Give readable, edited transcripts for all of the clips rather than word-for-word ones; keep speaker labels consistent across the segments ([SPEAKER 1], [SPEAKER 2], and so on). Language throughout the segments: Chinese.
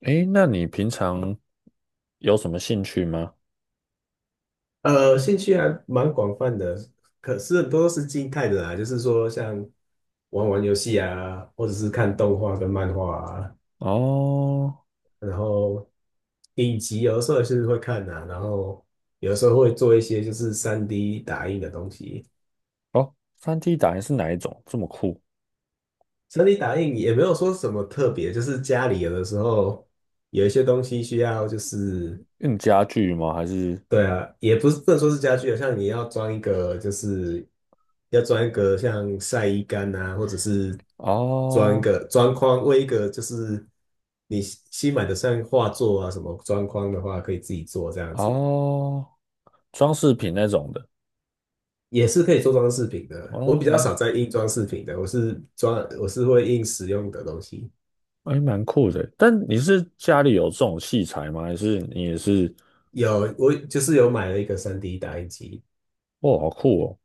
[SPEAKER 1] 诶，那你平常有什么兴趣吗？
[SPEAKER 2] 兴趣还蛮广泛的，可是很多都是静态的啦，就是说像玩玩游戏啊，或者是看动画跟漫画啊，
[SPEAKER 1] 哦
[SPEAKER 2] 然后影集有的时候也是会看啊，然后有的时候会做一些就是 3D 打印的东西。
[SPEAKER 1] 哦，三 d 打印是哪一种？这么酷？
[SPEAKER 2] 3D 打印也没有说什么特别，就是家里有的时候有一些东西需要就是
[SPEAKER 1] 用家具吗？还是
[SPEAKER 2] 对啊，也不是不能说是家具啊，像你要装一个，就是要装一个像晒衣杆啊，或者是装一
[SPEAKER 1] 哦
[SPEAKER 2] 个装框，为一个就是你新买的像画作啊什么装框的话，可以自己做这样子，
[SPEAKER 1] 哦，装饰品那种的？
[SPEAKER 2] 也是可以做装饰品的。我
[SPEAKER 1] 哦，
[SPEAKER 2] 比较
[SPEAKER 1] 蛮，
[SPEAKER 2] 少在印装饰品的，我是会印实用的东西。
[SPEAKER 1] 诶，蛮酷的。但你是家里有这种器材吗？还是你也是？
[SPEAKER 2] 有，我就是有买了一个三 d 打印机，
[SPEAKER 1] 哇，好酷哦！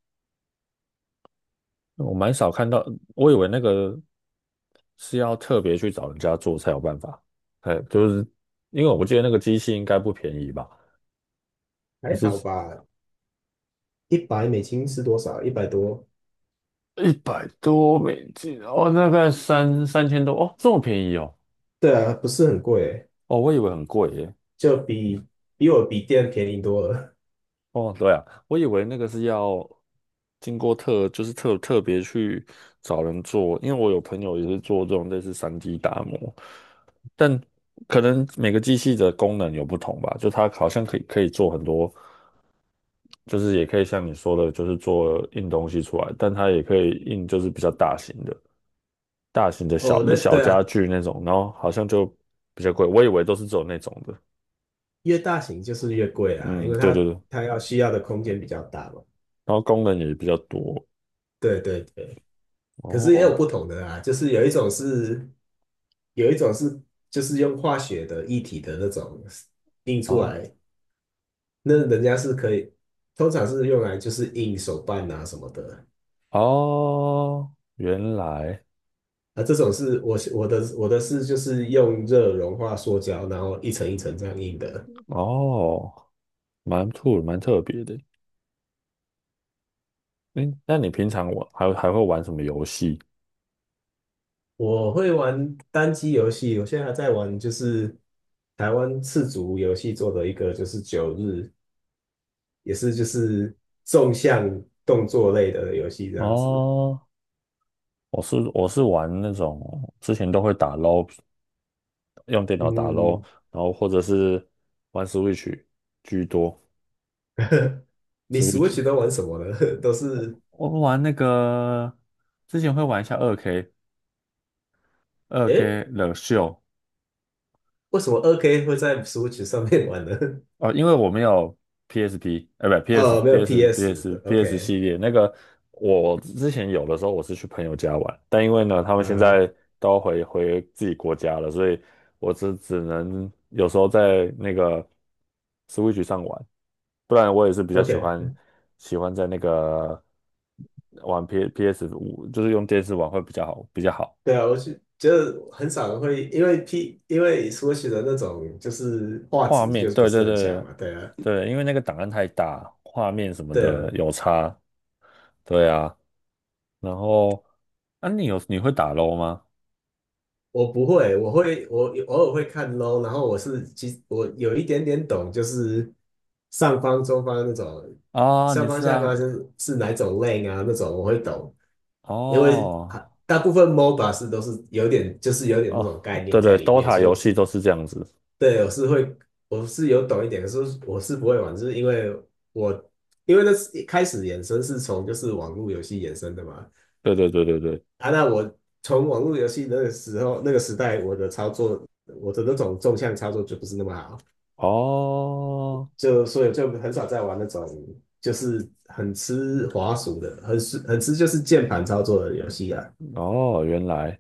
[SPEAKER 1] 我蛮少看到，我以为那个是要特别去找人家做才有办法。哎，就是因为我不记得那个机器应该不便宜吧？还
[SPEAKER 2] 还
[SPEAKER 1] 是？
[SPEAKER 2] 好吧，100美金是多少？100多，
[SPEAKER 1] 一百多美金哦，大概三千多哦，这么便宜哦。
[SPEAKER 2] 对啊，不是很贵欸，
[SPEAKER 1] 哦，我以为很贵耶。
[SPEAKER 2] 就比我笔店便宜多了。
[SPEAKER 1] 哦，对啊，我以为那个是要经过特，就是特别去找人做，因为我有朋友也是做这种类似三 d 打磨，但可能每个机器的功能有不同吧，就它好像可以做很多，就是也可以像你说的，就是做印东西出来，但它也可以印就是比较大型的。大型的小
[SPEAKER 2] 哦，那
[SPEAKER 1] 小
[SPEAKER 2] 对
[SPEAKER 1] 家
[SPEAKER 2] 啊，
[SPEAKER 1] 具那种，然后好像就比较贵，我以为都是只有那种的。
[SPEAKER 2] 越大型就是越贵啊，因
[SPEAKER 1] 嗯，
[SPEAKER 2] 为
[SPEAKER 1] 对对
[SPEAKER 2] 它
[SPEAKER 1] 对，然
[SPEAKER 2] 它要需要的空间比较大嘛。
[SPEAKER 1] 后功能也比较多。
[SPEAKER 2] 对对对，可是也有
[SPEAKER 1] 哦，
[SPEAKER 2] 不同的啊，就是有一种是就是用化学的液体的那种印出
[SPEAKER 1] 啊，
[SPEAKER 2] 来，那人家是可以，通常是用来就是印手办啊什么的。
[SPEAKER 1] 哦，原来。
[SPEAKER 2] 啊，这种是我的是就是用热融化塑胶，然后一层一层这样印的。
[SPEAKER 1] 哦，蛮酷，蛮特别的。嗯，那你平常玩还会玩什么游戏？
[SPEAKER 2] 我会玩单机游戏，我现在还在玩，就是台湾赤足游戏做的一个，就是九日，也是就是纵向动作类的游戏这样子。
[SPEAKER 1] 哦，我是玩那种之前都会打 LO,用电脑打 LO,
[SPEAKER 2] 嗯，
[SPEAKER 1] 然后或者是玩 Switch 居多
[SPEAKER 2] 你
[SPEAKER 1] ，Switch。
[SPEAKER 2] Switch 都玩什么呢？都是，
[SPEAKER 1] 我玩那个之前会玩一下二 K 二
[SPEAKER 2] 诶，
[SPEAKER 1] K 冷秀
[SPEAKER 2] 为什么2K 会在 Switch 上面玩呢？
[SPEAKER 1] 哦，因为我没有 PSP,不 PS
[SPEAKER 2] 哦，没有
[SPEAKER 1] PS
[SPEAKER 2] PS
[SPEAKER 1] PS
[SPEAKER 2] 的
[SPEAKER 1] PS 系
[SPEAKER 2] ，OK，
[SPEAKER 1] 列那个，我之前有的时候我是去朋友家玩，但因为呢他们现
[SPEAKER 2] 啊
[SPEAKER 1] 在都回自己国家了，所以我只能有时候在那个 Switch 上玩，不然我也是比较喜欢
[SPEAKER 2] ，OK，
[SPEAKER 1] 喜欢在那个玩 PS 五，就是用电视玩会比较好。
[SPEAKER 2] 对啊，我是觉得很少人会因为 P 因为 Switch 的那种就是画
[SPEAKER 1] 画
[SPEAKER 2] 质
[SPEAKER 1] 面，
[SPEAKER 2] 就是不
[SPEAKER 1] 对对
[SPEAKER 2] 是很强
[SPEAKER 1] 对
[SPEAKER 2] 嘛，对啊。
[SPEAKER 1] 对，因为那个档案太大，画面什么
[SPEAKER 2] 对啊，
[SPEAKER 1] 的有差。对啊，然后啊，你会打 LO 吗？
[SPEAKER 2] 我不会，我会，我偶尔会看 low，然后我是其实我有一点点懂，就是上方、中方那种，
[SPEAKER 1] 啊，
[SPEAKER 2] 上
[SPEAKER 1] 你
[SPEAKER 2] 方、
[SPEAKER 1] 是
[SPEAKER 2] 下
[SPEAKER 1] 啊，
[SPEAKER 2] 方是是哪一种 lane 啊那种我会懂，因为啊
[SPEAKER 1] 哦
[SPEAKER 2] 大部分 MOBA 是都是有点那
[SPEAKER 1] 哦，
[SPEAKER 2] 种概
[SPEAKER 1] 对
[SPEAKER 2] 念在
[SPEAKER 1] 对
[SPEAKER 2] 里面，
[SPEAKER 1] ，DOTA
[SPEAKER 2] 所以
[SPEAKER 1] 游戏都是这样子。
[SPEAKER 2] 对我是会我是有懂一点，可是我是不会玩，就是因为我因为那是一开始衍生是从就是网络游戏衍生的嘛，
[SPEAKER 1] 对对对对对，
[SPEAKER 2] 啊，那我从网络游戏那个时候那个时代，我的操作，我的那种纵向操作就不是那么好，
[SPEAKER 1] 哦
[SPEAKER 2] 就所以就很少在玩那种就是很吃滑鼠的，很吃就是键盘操作的游戏啊。
[SPEAKER 1] 哦，原来。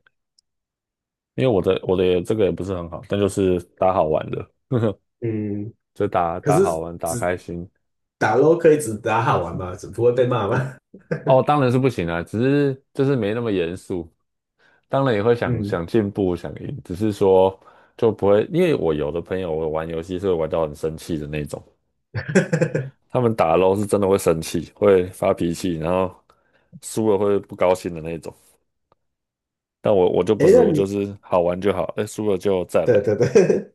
[SPEAKER 1] 因为我的也这个也不是很好，但就是打好玩的，
[SPEAKER 2] 嗯，
[SPEAKER 1] 就打
[SPEAKER 2] 可
[SPEAKER 1] 打好
[SPEAKER 2] 是
[SPEAKER 1] 玩，打
[SPEAKER 2] 只
[SPEAKER 1] 开心。
[SPEAKER 2] 打 LO l 可以只打好玩吗？只不会被骂吗？
[SPEAKER 1] 哦，当然是不行啊，只是就是没那么严肃。当然也会 想
[SPEAKER 2] 嗯，
[SPEAKER 1] 想进步、想赢，只是说就不会，因为我有的朋友我玩游戏是会玩到很生气的那种，他们打 LO 是真的会生气，会发脾气，然后输了会不高兴的那种。但我就不
[SPEAKER 2] 诶，
[SPEAKER 1] 是，
[SPEAKER 2] 那
[SPEAKER 1] 我就
[SPEAKER 2] 你
[SPEAKER 1] 是好玩就好，哎，输了就再
[SPEAKER 2] 对
[SPEAKER 1] 来，
[SPEAKER 2] 对对，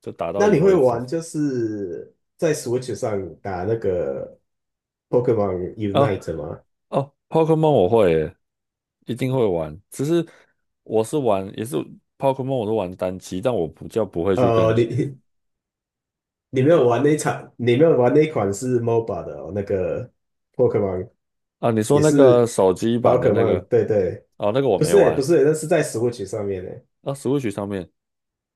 [SPEAKER 1] 就打 到
[SPEAKER 2] 那
[SPEAKER 1] 赢
[SPEAKER 2] 你会
[SPEAKER 1] 为止。
[SPEAKER 2] 玩就是在 Switch 上打那个 Pokemon
[SPEAKER 1] 哦
[SPEAKER 2] Unite 吗？
[SPEAKER 1] 哦，Pokemon 我会耶，一定会玩，只是我是玩也是 Pokemon 我都玩单机，但我不会去跟，
[SPEAKER 2] 呃，你没
[SPEAKER 1] 因为
[SPEAKER 2] 有玩那一场，你没有玩那一款是 MOBA 的哦，那个 Pokemon
[SPEAKER 1] 啊，你说
[SPEAKER 2] 也
[SPEAKER 1] 那个
[SPEAKER 2] 是
[SPEAKER 1] 手机
[SPEAKER 2] 宝
[SPEAKER 1] 版的
[SPEAKER 2] 可
[SPEAKER 1] 那个，
[SPEAKER 2] 梦，对对，
[SPEAKER 1] 哦，那个我没
[SPEAKER 2] 不
[SPEAKER 1] 玩。
[SPEAKER 2] 是欸，那是在 Switch 上面的，
[SPEAKER 1] 啊，Switch 上面，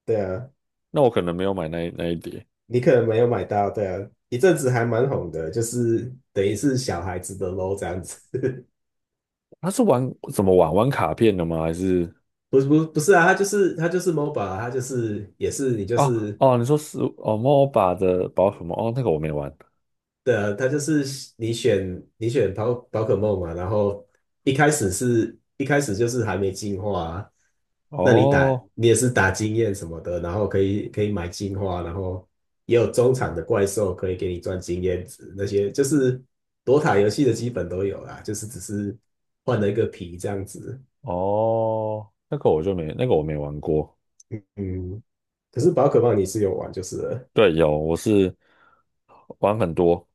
[SPEAKER 2] 对啊，
[SPEAKER 1] 那我可能没有买那一碟。
[SPEAKER 2] 你可能没有买到，对啊，一阵子还蛮红的，就是等于是小孩子的 LO 这样子，
[SPEAKER 1] 它是玩怎么玩？玩卡片的吗？还是
[SPEAKER 2] 不是啊，它就是MOBA，它就是也是你就
[SPEAKER 1] 哦
[SPEAKER 2] 是
[SPEAKER 1] 哦？你说是哦，MOBA 的宝可梦哦，那个我没玩。
[SPEAKER 2] 对啊，它就是你选宝可梦嘛，然后一开始就是还没进化啊，那
[SPEAKER 1] 哦
[SPEAKER 2] 你也是打经验什么的，然后可以可以买进化，然后也有中场的怪兽可以给你赚经验值，那些就是躲塔游戏的基本都有啦，就是只是换了一个皮这样子。
[SPEAKER 1] 哦，那个我就没那个我没玩过。
[SPEAKER 2] 嗯，可是宝可梦你是有玩就是了，
[SPEAKER 1] 对，有，我是玩很多，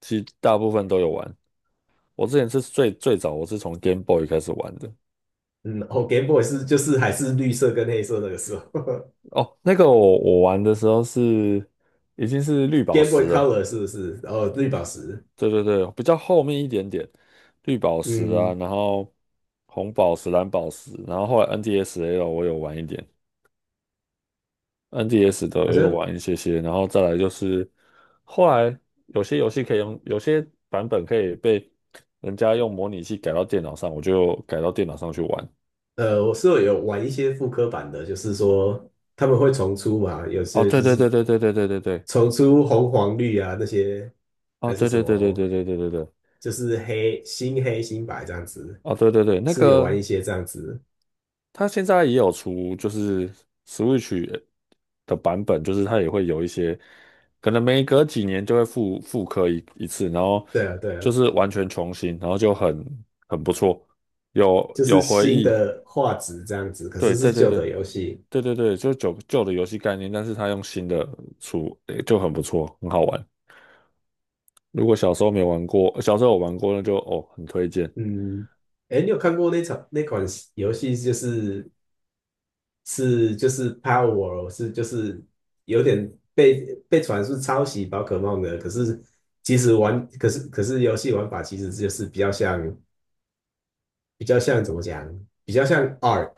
[SPEAKER 1] 其实大部分都有玩。我之前是最最早，我是从 Game Boy 开始玩的。
[SPEAKER 2] 嗯，哦，Game Boy 是就是还是绿色跟黑色那个时候。
[SPEAKER 1] 哦，那个我玩的时候是已经是绿 宝
[SPEAKER 2] ，Game
[SPEAKER 1] 石
[SPEAKER 2] Boy
[SPEAKER 1] 了。
[SPEAKER 2] Color 是不是？哦，绿宝石。
[SPEAKER 1] 对对对，比较后面一点点，绿宝石啊，
[SPEAKER 2] 嗯，
[SPEAKER 1] 然后红宝石、蓝宝石，然后后来 NDSL 我有玩一点，NDS 的我
[SPEAKER 2] 好
[SPEAKER 1] 有
[SPEAKER 2] 像
[SPEAKER 1] 玩一些些，然后再来就是后来有些游戏可以用，有些版本可以被人家用模拟器改到电脑上，我就改到电脑上去玩。
[SPEAKER 2] 呃，我室友有玩一些复刻版的，就是说他们会重出嘛，有
[SPEAKER 1] 哦，
[SPEAKER 2] 些
[SPEAKER 1] 对
[SPEAKER 2] 就
[SPEAKER 1] 对
[SPEAKER 2] 是
[SPEAKER 1] 对对对对对对对，
[SPEAKER 2] 重出红黄绿啊那些，
[SPEAKER 1] 哦，
[SPEAKER 2] 还是
[SPEAKER 1] 对
[SPEAKER 2] 什
[SPEAKER 1] 对对对对
[SPEAKER 2] 么，
[SPEAKER 1] 对对对对，
[SPEAKER 2] 就是黑新黑新白这样子，
[SPEAKER 1] 哦，对对对，那
[SPEAKER 2] 是有玩
[SPEAKER 1] 个。
[SPEAKER 2] 一些这样子。
[SPEAKER 1] 它现在也有出，就是 Switch 的版本，就是它也会有一些，可能每隔几年就会复刻一次，然后
[SPEAKER 2] 对啊，对
[SPEAKER 1] 就
[SPEAKER 2] 啊，
[SPEAKER 1] 是完全重新，然后就很不错，有
[SPEAKER 2] 就
[SPEAKER 1] 有
[SPEAKER 2] 是
[SPEAKER 1] 回
[SPEAKER 2] 新
[SPEAKER 1] 忆。
[SPEAKER 2] 的画质这样子，可
[SPEAKER 1] 对
[SPEAKER 2] 是是
[SPEAKER 1] 对对
[SPEAKER 2] 旧
[SPEAKER 1] 对
[SPEAKER 2] 的游戏。
[SPEAKER 1] 对对对，就是旧旧的游戏概念，但是它用新的出，诶就很不错，很好玩。如果小时候没玩过，小时候有玩过，那就哦很推荐。
[SPEAKER 2] 嗯，哎，你有看过那场那款游戏，就是是就是 Power 是就是有点被传是抄袭宝可梦的，可是其实玩可是可是游戏玩法其实就是比较像怎么讲，比较像 Ark。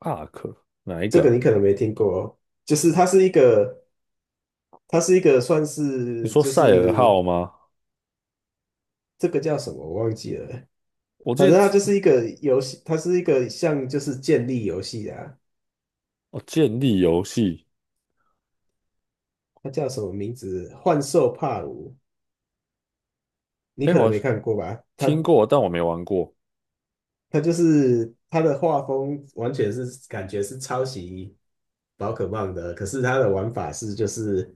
[SPEAKER 1] 阿 r 哪一
[SPEAKER 2] 这
[SPEAKER 1] 个
[SPEAKER 2] 个你
[SPEAKER 1] 啊？
[SPEAKER 2] 可能没听过，就是它是一个算
[SPEAKER 1] 你
[SPEAKER 2] 是
[SPEAKER 1] 说
[SPEAKER 2] 就
[SPEAKER 1] 赛尔
[SPEAKER 2] 是
[SPEAKER 1] 号吗？
[SPEAKER 2] 这个叫什么我忘记了，
[SPEAKER 1] 我
[SPEAKER 2] 反
[SPEAKER 1] 记
[SPEAKER 2] 正
[SPEAKER 1] 得
[SPEAKER 2] 它就是一个游戏，它是一个像就是建立游戏啊，
[SPEAKER 1] 哦，建立游戏，
[SPEAKER 2] 它叫什么名字？幻兽帕鲁，你
[SPEAKER 1] 哎，
[SPEAKER 2] 可能
[SPEAKER 1] 我
[SPEAKER 2] 没看过吧？它
[SPEAKER 1] 听过，但我没玩过
[SPEAKER 2] 他就是他的画风完全是感觉是抄袭宝可梦的，可是他的玩法是就是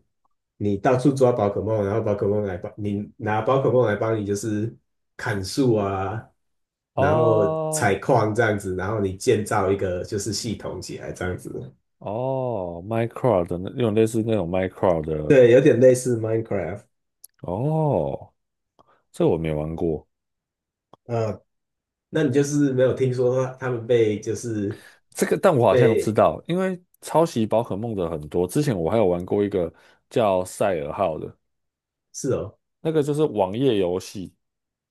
[SPEAKER 2] 你到处抓宝可梦，然后宝可梦来帮你拿宝可梦来帮你就是砍树啊，
[SPEAKER 1] 啊。
[SPEAKER 2] 然后
[SPEAKER 1] 哦
[SPEAKER 2] 采矿这样子，然后你建造一个就是系统起来这样子，
[SPEAKER 1] 哦，Minecraft 的那有点类似那种 Minecraft 的。
[SPEAKER 2] 对，有点类似 Minecraft。
[SPEAKER 1] 哦，这我没玩过。
[SPEAKER 2] 呃，那你就是没有听说他他们被就是
[SPEAKER 1] 这个，但我好像知
[SPEAKER 2] 被
[SPEAKER 1] 道，因为抄袭宝可梦的很多。之前我还有玩过一个叫《赛尔号》的，
[SPEAKER 2] 是哦，
[SPEAKER 1] 那个就是网页游戏，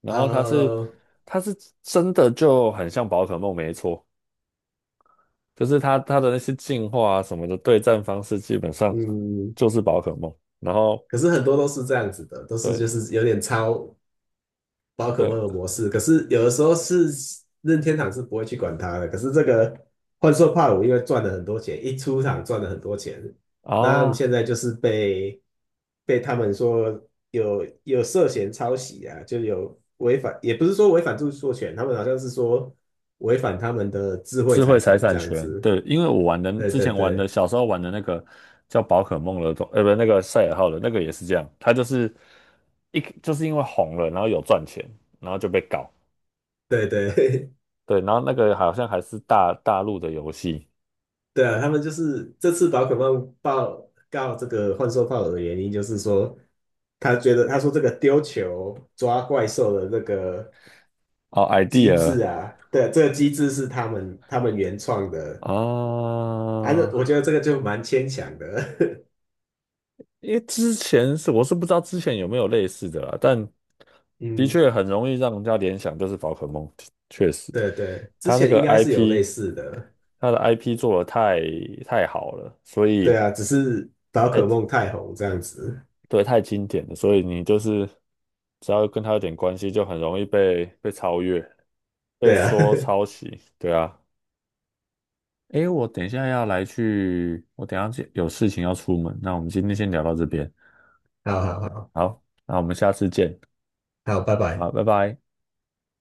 [SPEAKER 1] 然后它是
[SPEAKER 2] 呃，
[SPEAKER 1] 它是真的就很像宝可梦，没错，就是它的那些进化啊什么的对战方式基本上
[SPEAKER 2] 嗯。
[SPEAKER 1] 就是宝可梦，然后。
[SPEAKER 2] 可是很多都是这样子的，都是
[SPEAKER 1] 对，
[SPEAKER 2] 就是有点抄宝可梦
[SPEAKER 1] 对
[SPEAKER 2] 的模式。可是有的时候是任天堂是不会去管它的。可是这个幻兽帕鲁因为赚了很多钱，一出场赚了很多钱，那你
[SPEAKER 1] 啊，
[SPEAKER 2] 现在就是被他们说有涉嫌抄袭啊，就有违反，也不是说违反著作权，他们好像是说违反他们的智慧
[SPEAKER 1] 智慧
[SPEAKER 2] 财
[SPEAKER 1] 财
[SPEAKER 2] 产这
[SPEAKER 1] 产
[SPEAKER 2] 样
[SPEAKER 1] 权，
[SPEAKER 2] 子。
[SPEAKER 1] 对，因为我玩的
[SPEAKER 2] 对
[SPEAKER 1] 之
[SPEAKER 2] 对
[SPEAKER 1] 前玩的
[SPEAKER 2] 对
[SPEAKER 1] 小时候玩的那个叫宝可梦的东，不，那个赛尔号的那个也是这样，它就是就是因为红了，然后有赚钱，然后就被搞
[SPEAKER 2] 对对。
[SPEAKER 1] 对，然后那个好像还是大陆的游戏。
[SPEAKER 2] 对啊，他们就是这次宝可梦报告这个幻兽炮的原因，就是说他觉得他说这个丢球抓怪兽的这个
[SPEAKER 1] 哦
[SPEAKER 2] 机
[SPEAKER 1] ，idea
[SPEAKER 2] 制啊，对，这个机制是他们原创的，
[SPEAKER 1] 啊，
[SPEAKER 2] 啊，那
[SPEAKER 1] 哦，
[SPEAKER 2] 我觉得这个就蛮牵强的。
[SPEAKER 1] 因为之前是我是不知道之前有没有类似的啦，但 的
[SPEAKER 2] 嗯，
[SPEAKER 1] 确很容易让人家联想就是宝可梦，确实，
[SPEAKER 2] 对对，之
[SPEAKER 1] 它那
[SPEAKER 2] 前应
[SPEAKER 1] 个
[SPEAKER 2] 该是有类
[SPEAKER 1] IP,
[SPEAKER 2] 似的，
[SPEAKER 1] 它的 IP 做的太好了，所
[SPEAKER 2] 对
[SPEAKER 1] 以
[SPEAKER 2] 啊，只是宝可梦太红这样子，
[SPEAKER 1] 对太经典了，所以你就是只要跟它有点关系，就很容易被超越，被
[SPEAKER 2] 对啊，
[SPEAKER 1] 说抄袭，对啊。诶，我等一下要来去，我等一下去有事情要出门，那我们今天先聊到这边，
[SPEAKER 2] 好好好，
[SPEAKER 1] 好，那我们下次见，
[SPEAKER 2] 好，拜拜。
[SPEAKER 1] 好，拜拜。